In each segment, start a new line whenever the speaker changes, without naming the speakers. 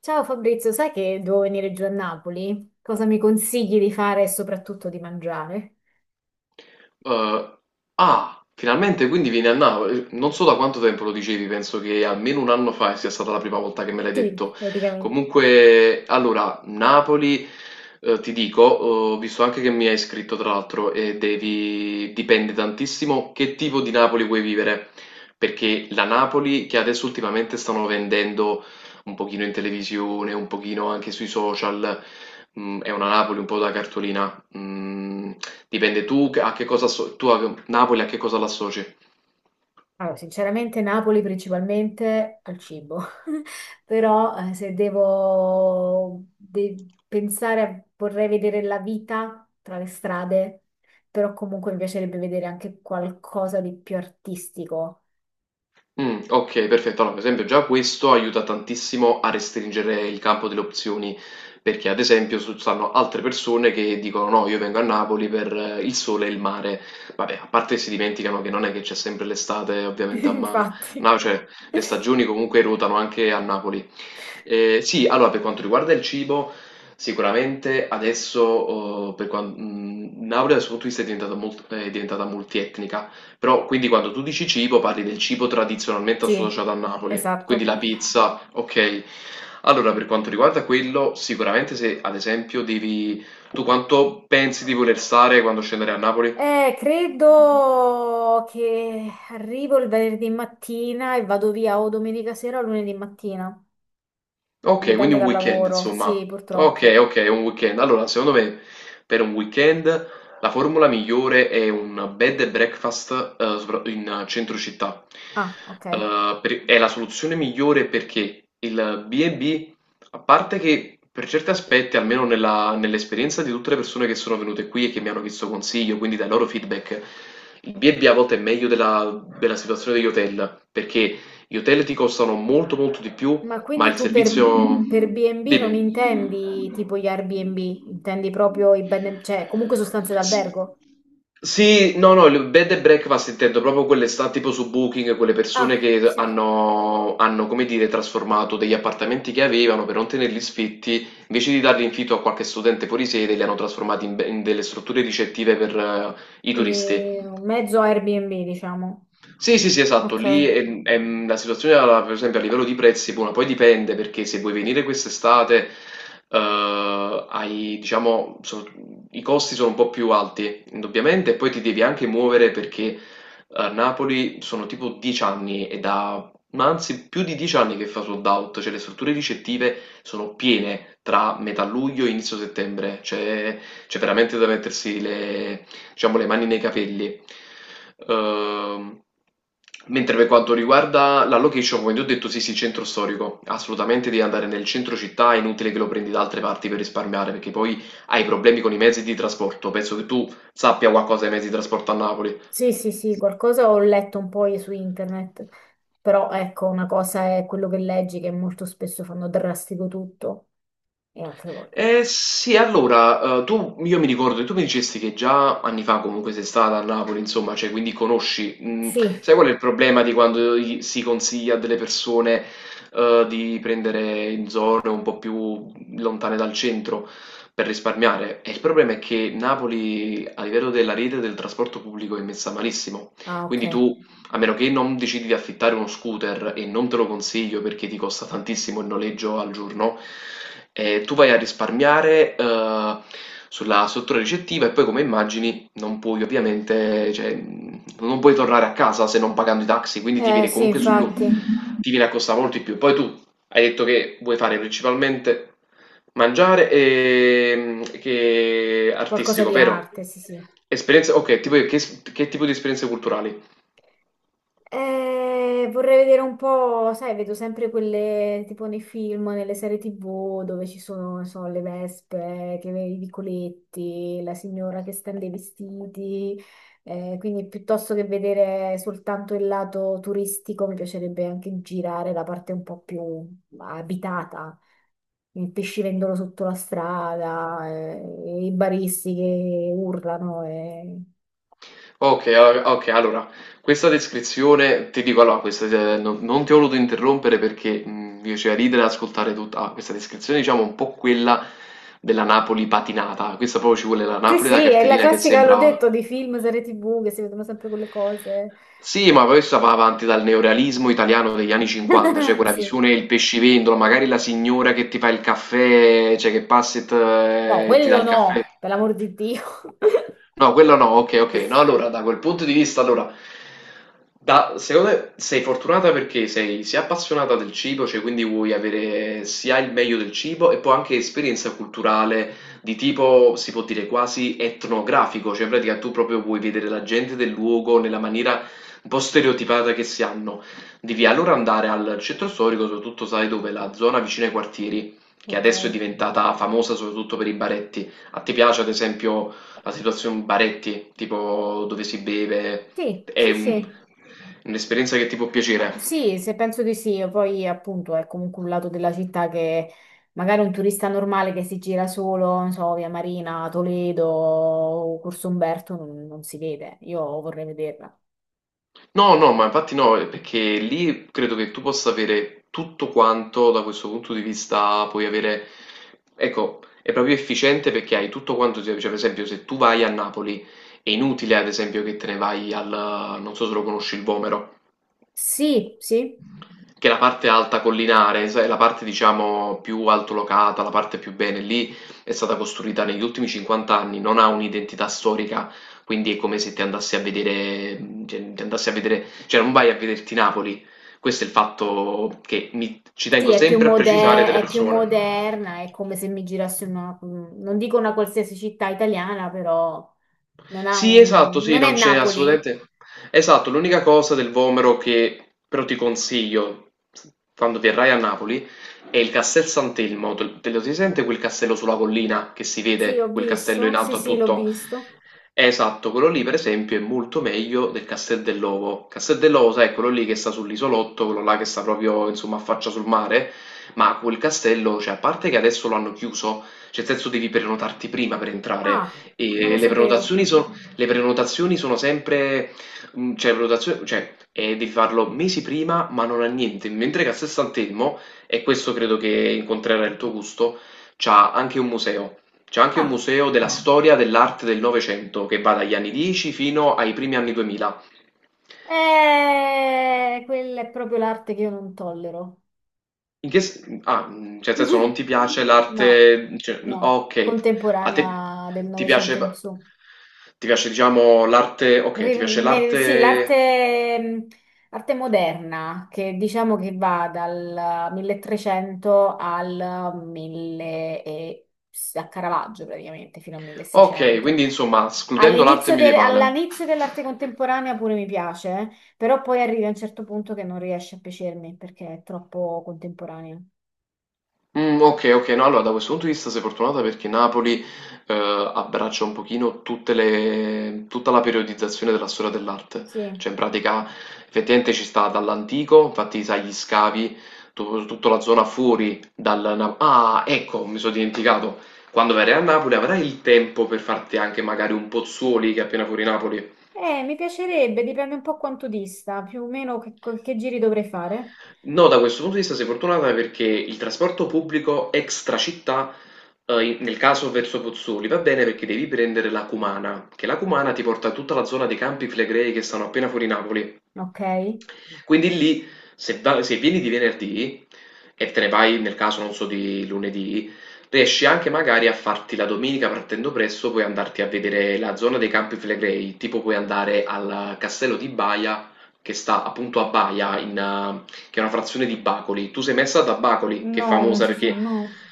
Ciao Fabrizio, sai che devo venire giù a Napoli? Cosa mi consigli di fare e soprattutto di mangiare?
Uhm, ah, finalmente quindi vieni a Napoli. Non so da quanto tempo lo dicevi, penso che almeno un anno fa sia stata la prima volta che me l'hai
Sì,
detto.
praticamente.
Comunque, allora, Napoli, ti dico, ho visto anche che mi hai scritto tra l'altro e dipende tantissimo che tipo di Napoli vuoi vivere, perché la Napoli che adesso ultimamente stanno vendendo un pochino in televisione, un pochino anche sui social, è una Napoli un po' da cartolina. Mm, Dipende a che cosa asso- tu a Napoli a che cosa l'associ?
Allora, sinceramente Napoli principalmente al cibo, però se devo pensare, vorrei vedere la vita tra le strade, però comunque mi piacerebbe vedere anche qualcosa di più artistico.
Okay, perfetto. Allora, per esempio già questo aiuta tantissimo a restringere il campo delle opzioni, perché ad esempio su stanno altre persone che dicono: "No, io vengo a Napoli per il sole e il mare". Vabbè, a parte si dimenticano che non è che c'è sempre l'estate ovviamente a ma
Infatti,
no, cioè le stagioni comunque ruotano anche a Napoli. Sì, allora per quanto riguarda il cibo, sicuramente adesso, Napoli da 'sto punto di vista è diventata multietnica. Però quindi quando tu dici cibo, parli del cibo tradizionalmente
sì,
associato a Napoli, quindi
esatto.
la pizza, ok. Allora, per quanto riguarda quello, sicuramente se ad esempio tu quanto pensi di voler stare quando scendere a Napoli?
Credo che arrivo il venerdì mattina e vado via o domenica sera o lunedì mattina.
Ok, quindi
Dipende
un
dal
weekend,
lavoro.
insomma.
Sì,
Ok,
purtroppo.
ok, un weekend. Allora, secondo me, per un weekend la formula migliore è un bed and breakfast in centro città.
Ah, ok.
È la soluzione migliore perché il B&B, a parte che per certi aspetti, almeno nell'esperienza di tutte le persone che sono venute qui e che mi hanno chiesto consiglio, quindi dai loro feedback, il B&B a volte è meglio della situazione degli hotel, perché gli hotel ti costano molto molto di più
Ma
ma
quindi
il servizio.
per B&B non
Dimmi.
intendi tipo gli Airbnb, intendi proprio i cioè comunque sostanze
S-
d'albergo?
Sì, no, no, il bed and breakfast intendo proprio quelle sta tipo su Booking, quelle persone
Ah,
che
sì.
hanno, come dire, trasformato degli appartamenti che avevano per non tenerli sfitti, invece di darli in affitto a qualche studente fuori sede, li hanno trasformati in, in delle strutture ricettive per i turisti.
Quindi un mezzo Airbnb, diciamo.
Sì, sì, sì, esatto, lì
Ok.
la situazione, per esempio, a livello di prezzi, buona, poi dipende perché se vuoi venire quest'estate, hai, diciamo, i costi sono un po' più alti, indubbiamente, e poi ti devi anche muovere perché a Napoli sono tipo 10 anni ma anzi più di 10 anni che fa sold out, cioè le strutture ricettive sono piene tra metà luglio e inizio settembre, cioè c'è veramente da mettersi le diciamo, le mani nei capelli. Ehm, Mentre per quanto riguarda la location, come ti ho detto, sì, sì, centro storico, assolutamente devi andare nel centro città, è inutile che lo prendi da altre parti per risparmiare, perché poi hai problemi con i mezzi di trasporto. Penso che tu sappia qualcosa dei mezzi di trasporto a Napoli.
Sì, sì, sì, qualcosa ho letto un po' su internet, però ecco, una cosa è quello che leggi, che molto spesso fanno drastico tutto, e altre volte.
Eh sì, allora, io mi ricordo, tu mi dicesti che già anni fa comunque sei stata a Napoli, insomma, cioè, quindi conosci,
Sì,
sai qual è il problema di quando si consiglia a delle persone, di prendere in zone un po' più lontane dal centro per risparmiare? E il problema è che Napoli, a livello della rete del trasporto pubblico, è messa malissimo,
ah, ok.
quindi tu a meno che non decidi di affittare uno scooter e non te lo consiglio perché ti costa tantissimo il noleggio al giorno, tu vai a risparmiare sulla struttura ricettiva e poi come immagini non puoi ovviamente, cioè, non puoi tornare a casa se non pagando i taxi, quindi
Sì, infatti,
ti viene a costare molto di più. Poi tu hai detto che vuoi fare principalmente mangiare e che
qualcosa
artistico,
di
vero?
arte, sì, sì.
Esperienze, ok, tipo che tipo di esperienze culturali?
Vorrei vedere un po', sai, vedo sempre quelle tipo nei film, nelle serie TV dove ci sono, non so, le vespe, i vicoletti, la signora che stende i vestiti. Quindi piuttosto che vedere soltanto il lato turistico, mi piacerebbe anche girare la parte un po' più abitata. Il pescivendolo sotto la strada, i baristi che urlano.
Ok, ok, allora, questa descrizione, ti dico allora, questa, non ti ho voluto interrompere perché mi faceva ridere ad ascoltare tutta questa descrizione, diciamo un po' quella della Napoli patinata, questa proprio ci vuole la
Sì,
Napoli da
sì, è la
cartellina che
classica, l'ho
sembra.
detto, di film, serie TV che si vedono sempre quelle cose.
Sì, ma questa va avanti dal neorealismo italiano degli anni 50, cioè quella
Sì.
visione del pescivendolo, magari la signora che ti fa il caffè, cioè che passa
No,
e ti dà
quello
il
no,
caffè.
per l'amor di Dio.
No, quello no, ok, ok. No, allora, da quel punto di vista, allora, secondo me sei fortunata perché sei sia appassionata del cibo, cioè quindi vuoi avere sia il meglio del cibo e poi anche esperienza culturale di tipo, si può dire, quasi etnografico, cioè in pratica tu proprio vuoi vedere la gente del luogo nella maniera un po' stereotipata che si hanno. Devi allora andare al centro storico, soprattutto sai dove, la zona vicino ai quartieri, che
Ok.
adesso è diventata famosa soprattutto per i baretti. A te piace, ad esempio la situazione baretti, tipo dove si beve,
Sì,
è
sì, sì.
un'esperienza che ti può piacere.
Sì, se penso di sì, poi appunto è comunque un lato della città che magari un turista normale che si gira solo, non so, via Marina, Toledo, Corso Umberto non si vede. Io vorrei vederla.
No, no, ma infatti no, perché lì credo che tu possa avere tutto quanto da questo punto di vista, puoi avere, ecco, è proprio efficiente perché hai tutto quanto, cioè per esempio se tu vai a Napoli è inutile ad esempio che te ne vai al, non so se lo conosci, il Vomero.
Sì, sì,
Che è la parte alta collinare, sai, la parte diciamo più altolocata, la parte più bene, lì è stata costruita negli ultimi 50 anni, non ha un'identità storica, quindi è come se ti andassi a vedere, cioè non vai a vederti Napoli. Questo è il fatto che ci
sì,
tengo
è più
sempre a precisare delle
è più
persone.
moderna, è come se mi girassi in una, non dico una qualsiasi città italiana, però non ha
Sì,
un...
esatto, sì,
non è
non c'è
Napoli.
assolutamente. Esatto, l'unica cosa del Vomero che però ti consiglio, quando verrai a Napoli, è il Castel Sant'Elmo. Te lo si sente quel castello sulla collina, che si
Sì, ho
vede quel castello in
visto. Sì,
alto a
sì, l'ho
tutto?
visto.
Esatto, quello lì per esempio è molto meglio del Castel dell'Ovo. Castel dell'Ovo, sai, è quello lì che sta sull'isolotto, quello là che sta proprio, insomma, a faccia sul mare, ma quel castello, cioè, a parte che adesso lo hanno chiuso, cioè, nel senso devi prenotarti prima per entrare,
Ah, non
e
lo
le
sapevo.
prenotazioni, le prenotazioni sono sempre, cioè, prenotazioni, cioè, devi farlo mesi prima, ma non ha niente, mentre Castel Sant'Elmo, e questo credo che incontrerà il tuo gusto, c'ha anche un museo. C'è anche un
Ah,
museo della storia dell'arte del Novecento che va dagli anni 10 fino ai primi anni 2000.
quella è proprio l'arte che io non tollero.
Cioè, nel senso, non ti piace
No,
l'arte, cioè,
no,
ok, a te
contemporanea del
ti
Novecento
piace,
in su.
ti piace, diciamo, l'arte, ok, ti piace
Sì,
l'arte,
l'arte arte moderna, che diciamo che va dal 1300 al 1000 e, a Caravaggio praticamente, fino al
ok,
1600.
quindi insomma, escludendo l'arte medievale.
All'inizio dell'arte contemporanea pure mi piace, però poi arrivi a un certo punto che non riesce a piacermi perché è troppo contemporanea.
Mm, ok, ok, no, allora da questo punto di vista sei fortunata perché Napoli abbraccia un pochino tutta la periodizzazione della storia dell'arte,
Sì,
cioè in pratica effettivamente ci sta dall'antico, infatti sai gli scavi, tutta la zona fuori Ah, ecco, mi sono dimenticato, quando verrai a Napoli avrai il tempo per farti anche magari un Pozzuoli che è appena fuori Napoli.
mi piacerebbe, dipende un po' quanto dista, più o meno che giri dovrei fare,
No, da questo punto di vista sei fortunata perché il trasporto pubblico extra città, nel caso verso Pozzuoli, va bene perché devi prendere la Cumana, che la Cumana ti porta a tutta la zona dei Campi Flegrei che stanno appena fuori Napoli.
ok?
Quindi lì, se vieni di venerdì e te ne vai nel caso, non so, di lunedì, riesci anche magari a farti la domenica partendo presto, puoi andarti a vedere la zona dei Campi Flegrei, tipo puoi andare al castello di Baia che sta appunto a Baia in, che è una frazione di Bacoli. Tu sei messa da Bacoli, che è
No, non
famosa
ci sono,
perché
no,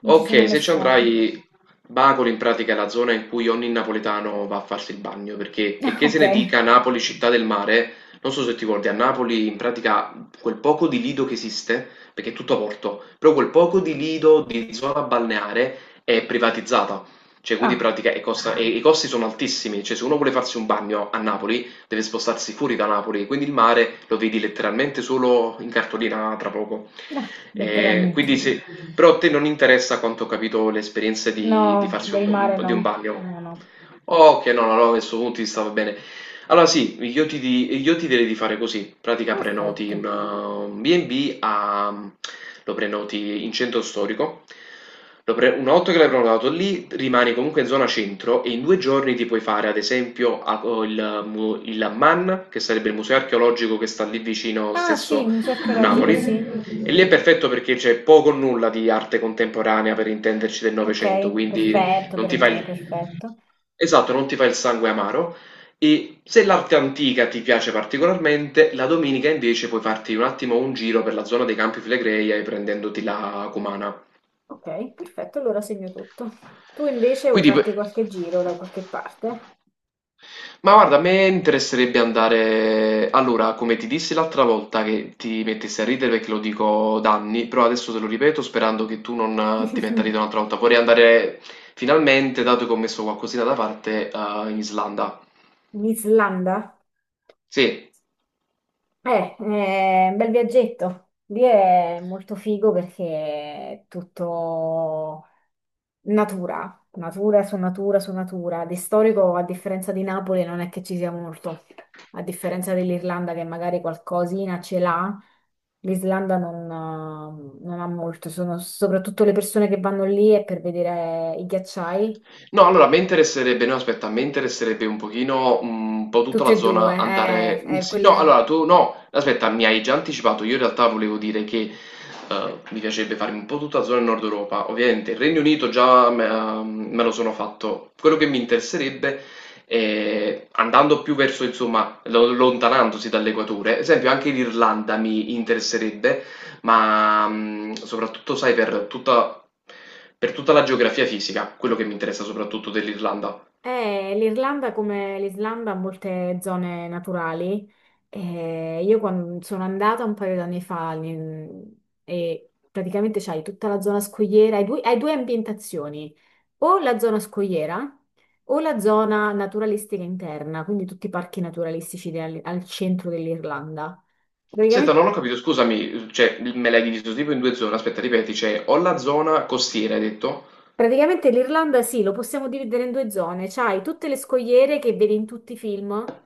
non ci sono
Ok,
mai
se ci
stata.
andrai, Bacoli in pratica è la zona in cui ogni napoletano va a farsi il bagno, perché
Ah,
checché se
ok.
ne dica Napoli città del mare, non so se ti ricordi, a Napoli in pratica quel poco di lido che esiste, perché è tutto a porto, però quel poco di lido di zona balneare è privatizzata, cioè quindi in
Ah,
pratica e i costi sono altissimi, cioè se uno vuole farsi un bagno a Napoli deve spostarsi fuori da Napoli, quindi il mare lo vedi letteralmente solo in cartolina tra poco.
ah,
Quindi
letteralmente.
se, però a te non interessa, a quanto ho capito, l'esperienza di
No,
farsi
del mare
di un
no.
bagno.
No, no.
Ok, no, no, no, questo punto di vista va bene. Allora sì, io ti direi di fare così, pratica prenoti
Perfetto.
un B&B, lo prenoti in centro storico. Una volta che l'hai prenotato lì rimani comunque in zona centro e in 2 giorni ti puoi fare ad esempio il MAN, che sarebbe il museo archeologico che sta lì vicino
Ah, sì, il
stesso
museo
a
archeologico,
Napoli,
sì.
e lì è perfetto perché c'è poco o nulla di arte contemporanea, per intenderci, del Novecento,
Ok,
quindi
perfetto
non
per
ti
me,
fai...
perfetto.
Esatto, non ti fa il sangue amaro. E se l'arte antica ti piace particolarmente, la domenica invece puoi farti un attimo un giro per la zona dei Campi Flegrei prendendoti la Cumana.
Ok, perfetto, allora segno tutto. Tu invece vuoi
Quindi, p-
farti qualche giro da qualche parte?
ma guarda, a me interesserebbe andare. Allora, come ti dissi l'altra volta che ti mettessi a ridere perché lo dico da anni, però adesso te lo ripeto sperando che tu non ti metta a ridere
In
un'altra volta. Vorrei andare finalmente, dato che ho messo qualcosina da parte, in Islanda.
Islanda?
Sì.
È un bel viaggetto. Lì è molto figo perché è tutto natura, natura su natura su natura. Di storico, a differenza di Napoli, non è che ci sia molto. A differenza dell'Irlanda, che magari qualcosina ce l'ha, l'Islanda non, non ha molto. Sono soprattutto le persone che vanno lì è per vedere i ghiacciai.
No, allora a me interesserebbe no, aspetta, a me interesserebbe un pochino, un po' tutta
Tutte
la
e due,
zona andare sì, no,
quelle.
allora tu no, aspetta, mi hai già anticipato, io in realtà volevo dire che, mi piacerebbe farmi un po' tutta la zona Nord Europa. Ovviamente il Regno Unito già me me lo sono fatto. Quello che mi interesserebbe è andando più verso, insomma, lo lontanandosi dall'equatore, ad esempio anche l'Irlanda mi interesserebbe, ma soprattutto sai per tutta la geografia fisica, quello che mi interessa soprattutto dell'Irlanda.
L'Irlanda, come l'Islanda, ha molte zone naturali. Io quando sono andata un paio d'anni fa e praticamente c'hai tutta la zona scogliera, hai due ambientazioni, o la zona scogliera o la zona naturalistica interna, quindi tutti i parchi naturalistici al centro dell'Irlanda.
Senta,
Praticamente,
non ho capito, scusami, cioè me l'hai diviso tipo in due zone, aspetta, ripeti, cioè ho la zona costiera, hai detto?
praticamente l'Irlanda, sì, lo possiamo dividere in due zone. C'hai tutte le scogliere che vedi in tutti i film.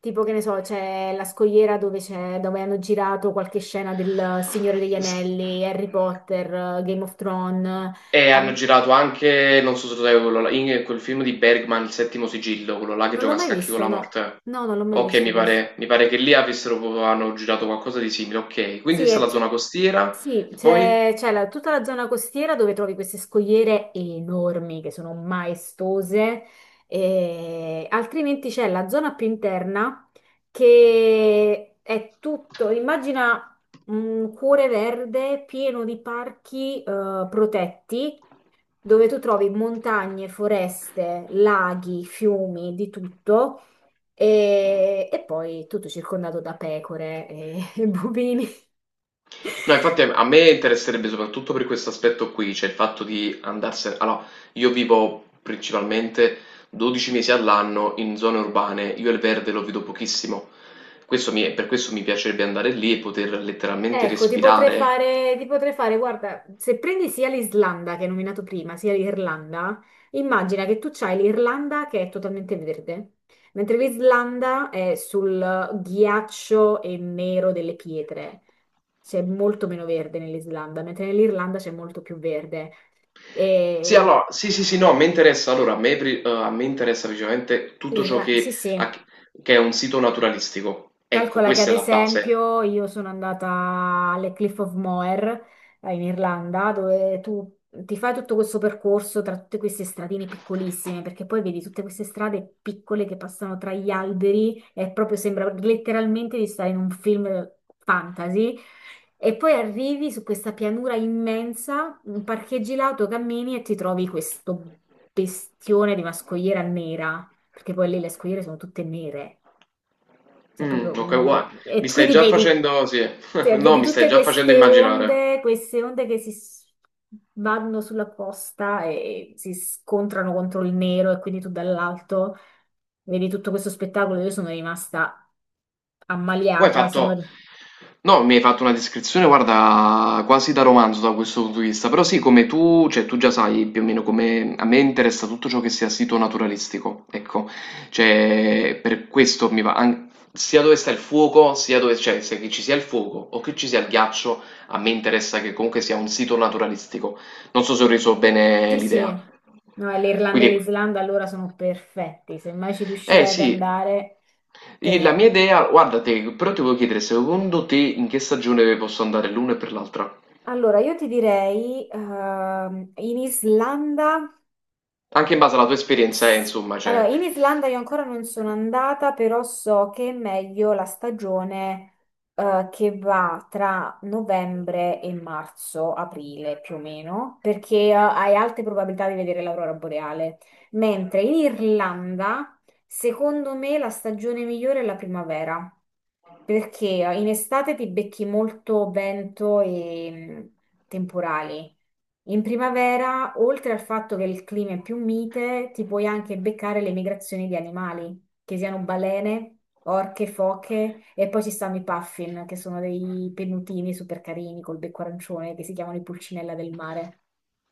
Tipo che ne so, c'è la scogliera dove hanno girato qualche scena del Signore degli
S-
Anelli, Harry Potter, Game of Thrones.
E
eh,
hanno
um,
girato anche, non so se lo sai, in quel film di Bergman, Il settimo sigillo, quello là che
non l'ho
gioca a
mai
scacchi con
visto,
la
no.
morte.
No, non l'ho mai
Ok,
visto
mi
questo.
pare, hanno girato qualcosa di simile, ok. Quindi
Sì,
questa è
è
la zona
t-
costiera,
sì,
e poi?
tutta la zona costiera dove trovi queste scogliere enormi che sono maestose, e altrimenti c'è la zona più interna che è tutto, immagina un cuore verde pieno di parchi protetti dove tu trovi montagne, foreste, laghi, fiumi, di tutto. E poi tutto circondato da pecore e, e bovini.
No, infatti a me interesserebbe soprattutto per questo aspetto qui, cioè il fatto di andarsene... Allora, io vivo principalmente 12 mesi all'anno in zone urbane, io il verde lo vedo pochissimo, per questo mi piacerebbe andare lì e poter letteralmente
Ecco,
respirare.
ti potrei fare, guarda, se prendi sia l'Islanda che hai nominato prima, sia l'Irlanda, immagina che tu c'hai l'Irlanda che è totalmente verde, mentre l'Islanda è sul ghiaccio e nero delle pietre. C'è molto meno verde nell'Islanda, mentre nell'Irlanda c'è molto più verde.
Sì,
E
allora, sì, sì, sì, no, mi interessa, allora, a me interessa principalmente tutto ciò
l'Irlanda, sì, sì.
che è un sito naturalistico. Ecco,
Calcola che ad
questa è la base.
esempio io sono andata alle Cliff of Moher in Irlanda, dove tu ti fai tutto questo percorso tra tutte queste stradine piccolissime, perché poi vedi tutte queste strade piccole che passano tra gli alberi e proprio sembra letteralmente di stare in un film fantasy. E poi arrivi su questa pianura immensa, parcheggi l'auto, cammini e ti trovi questo bestione di una scogliera nera, perché poi lì le scogliere sono tutte nere. Cioè,
Mm,
proprio
ok, guarda,
non- E
mi stai
quindi
già
vedi,
facendo, sì,
cioè,
no,
vedi
mi stai
tutte
già facendo
queste
immaginare.
onde, vanno sulla costa e si scontrano contro il nero e quindi tu dall'alto vedi tutto questo spettacolo. Io sono rimasta
Poi hai
ammaliata.
fatto,
Sono...
no, mi hai fatto una descrizione, guarda, quasi da romanzo da questo punto di vista, però sì, come tu, cioè tu già sai più o meno come a me interessa tutto ciò che sia sito naturalistico, ecco, cioè per questo mi va, sia dove sta il fuoco, sia dove, cioè se che ci sia il fuoco o che ci sia il ghiaccio, a me interessa che comunque sia un sito naturalistico, non so se ho reso bene
Sì,
l'idea,
sì. No, e l'Irlanda e
quindi,
l'Islanda allora sono perfetti. Se mai ci
eh
riuscirai ad
sì,
andare,
la mia
te...
idea, guarda te, però ti volevo chiedere secondo te in che stagione posso andare l'una e per l'altra?
Allora, io ti direi, in Islanda.
Anche in base alla tua esperienza,
S-
insomma,
Allora,
cioè.
in Islanda io ancora non sono andata, però so che è meglio la stagione che va tra novembre e marzo, aprile più o meno, perché hai alte probabilità di vedere l'aurora boreale. Mentre in Irlanda, secondo me, la stagione migliore è la primavera. Perché in estate ti becchi molto vento e temporali. In primavera, oltre al fatto che il clima è più mite, ti puoi anche beccare le migrazioni di animali, che siano balene, orche, foche e poi ci stanno i puffin, che sono dei pennutini super carini col becco arancione che si chiamano i pulcinella del mare.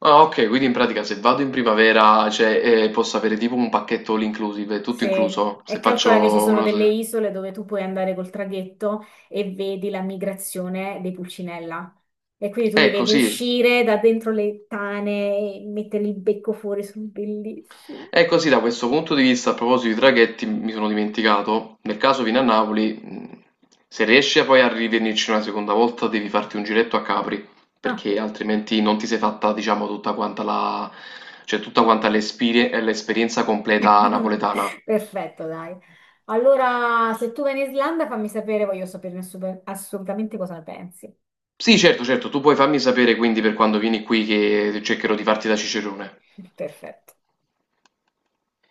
Ah, ok, quindi in pratica se vado in primavera, cioè, posso avere tipo un pacchetto all inclusive, tutto
Sì,
incluso, se
e calcola che ci
faccio
sono
una
delle
cosa...
isole dove tu puoi andare col traghetto e vedi la migrazione dei pulcinella. E quindi tu li
Ecco,
vedi
sì.
uscire da dentro le tane e mettere il becco fuori, sono bellissimi.
E così da questo punto di vista, a proposito di traghetti, mi sono dimenticato, nel caso vieni a Napoli, se riesci a poi a rivenirci una seconda volta, devi farti un giretto a Capri,
Ah.
perché altrimenti non ti sei fatta, diciamo, tutta quanta la, cioè tutta quanta l'esperienza completa napoletana.
Perfetto, dai. Allora, se tu vai in Islanda, fammi sapere, voglio sapere assolutamente cosa ne pensi.
Sì, certo, certo, tu puoi farmi sapere quindi per quando vieni qui che cercherò di farti da cicerone.
Perfetto.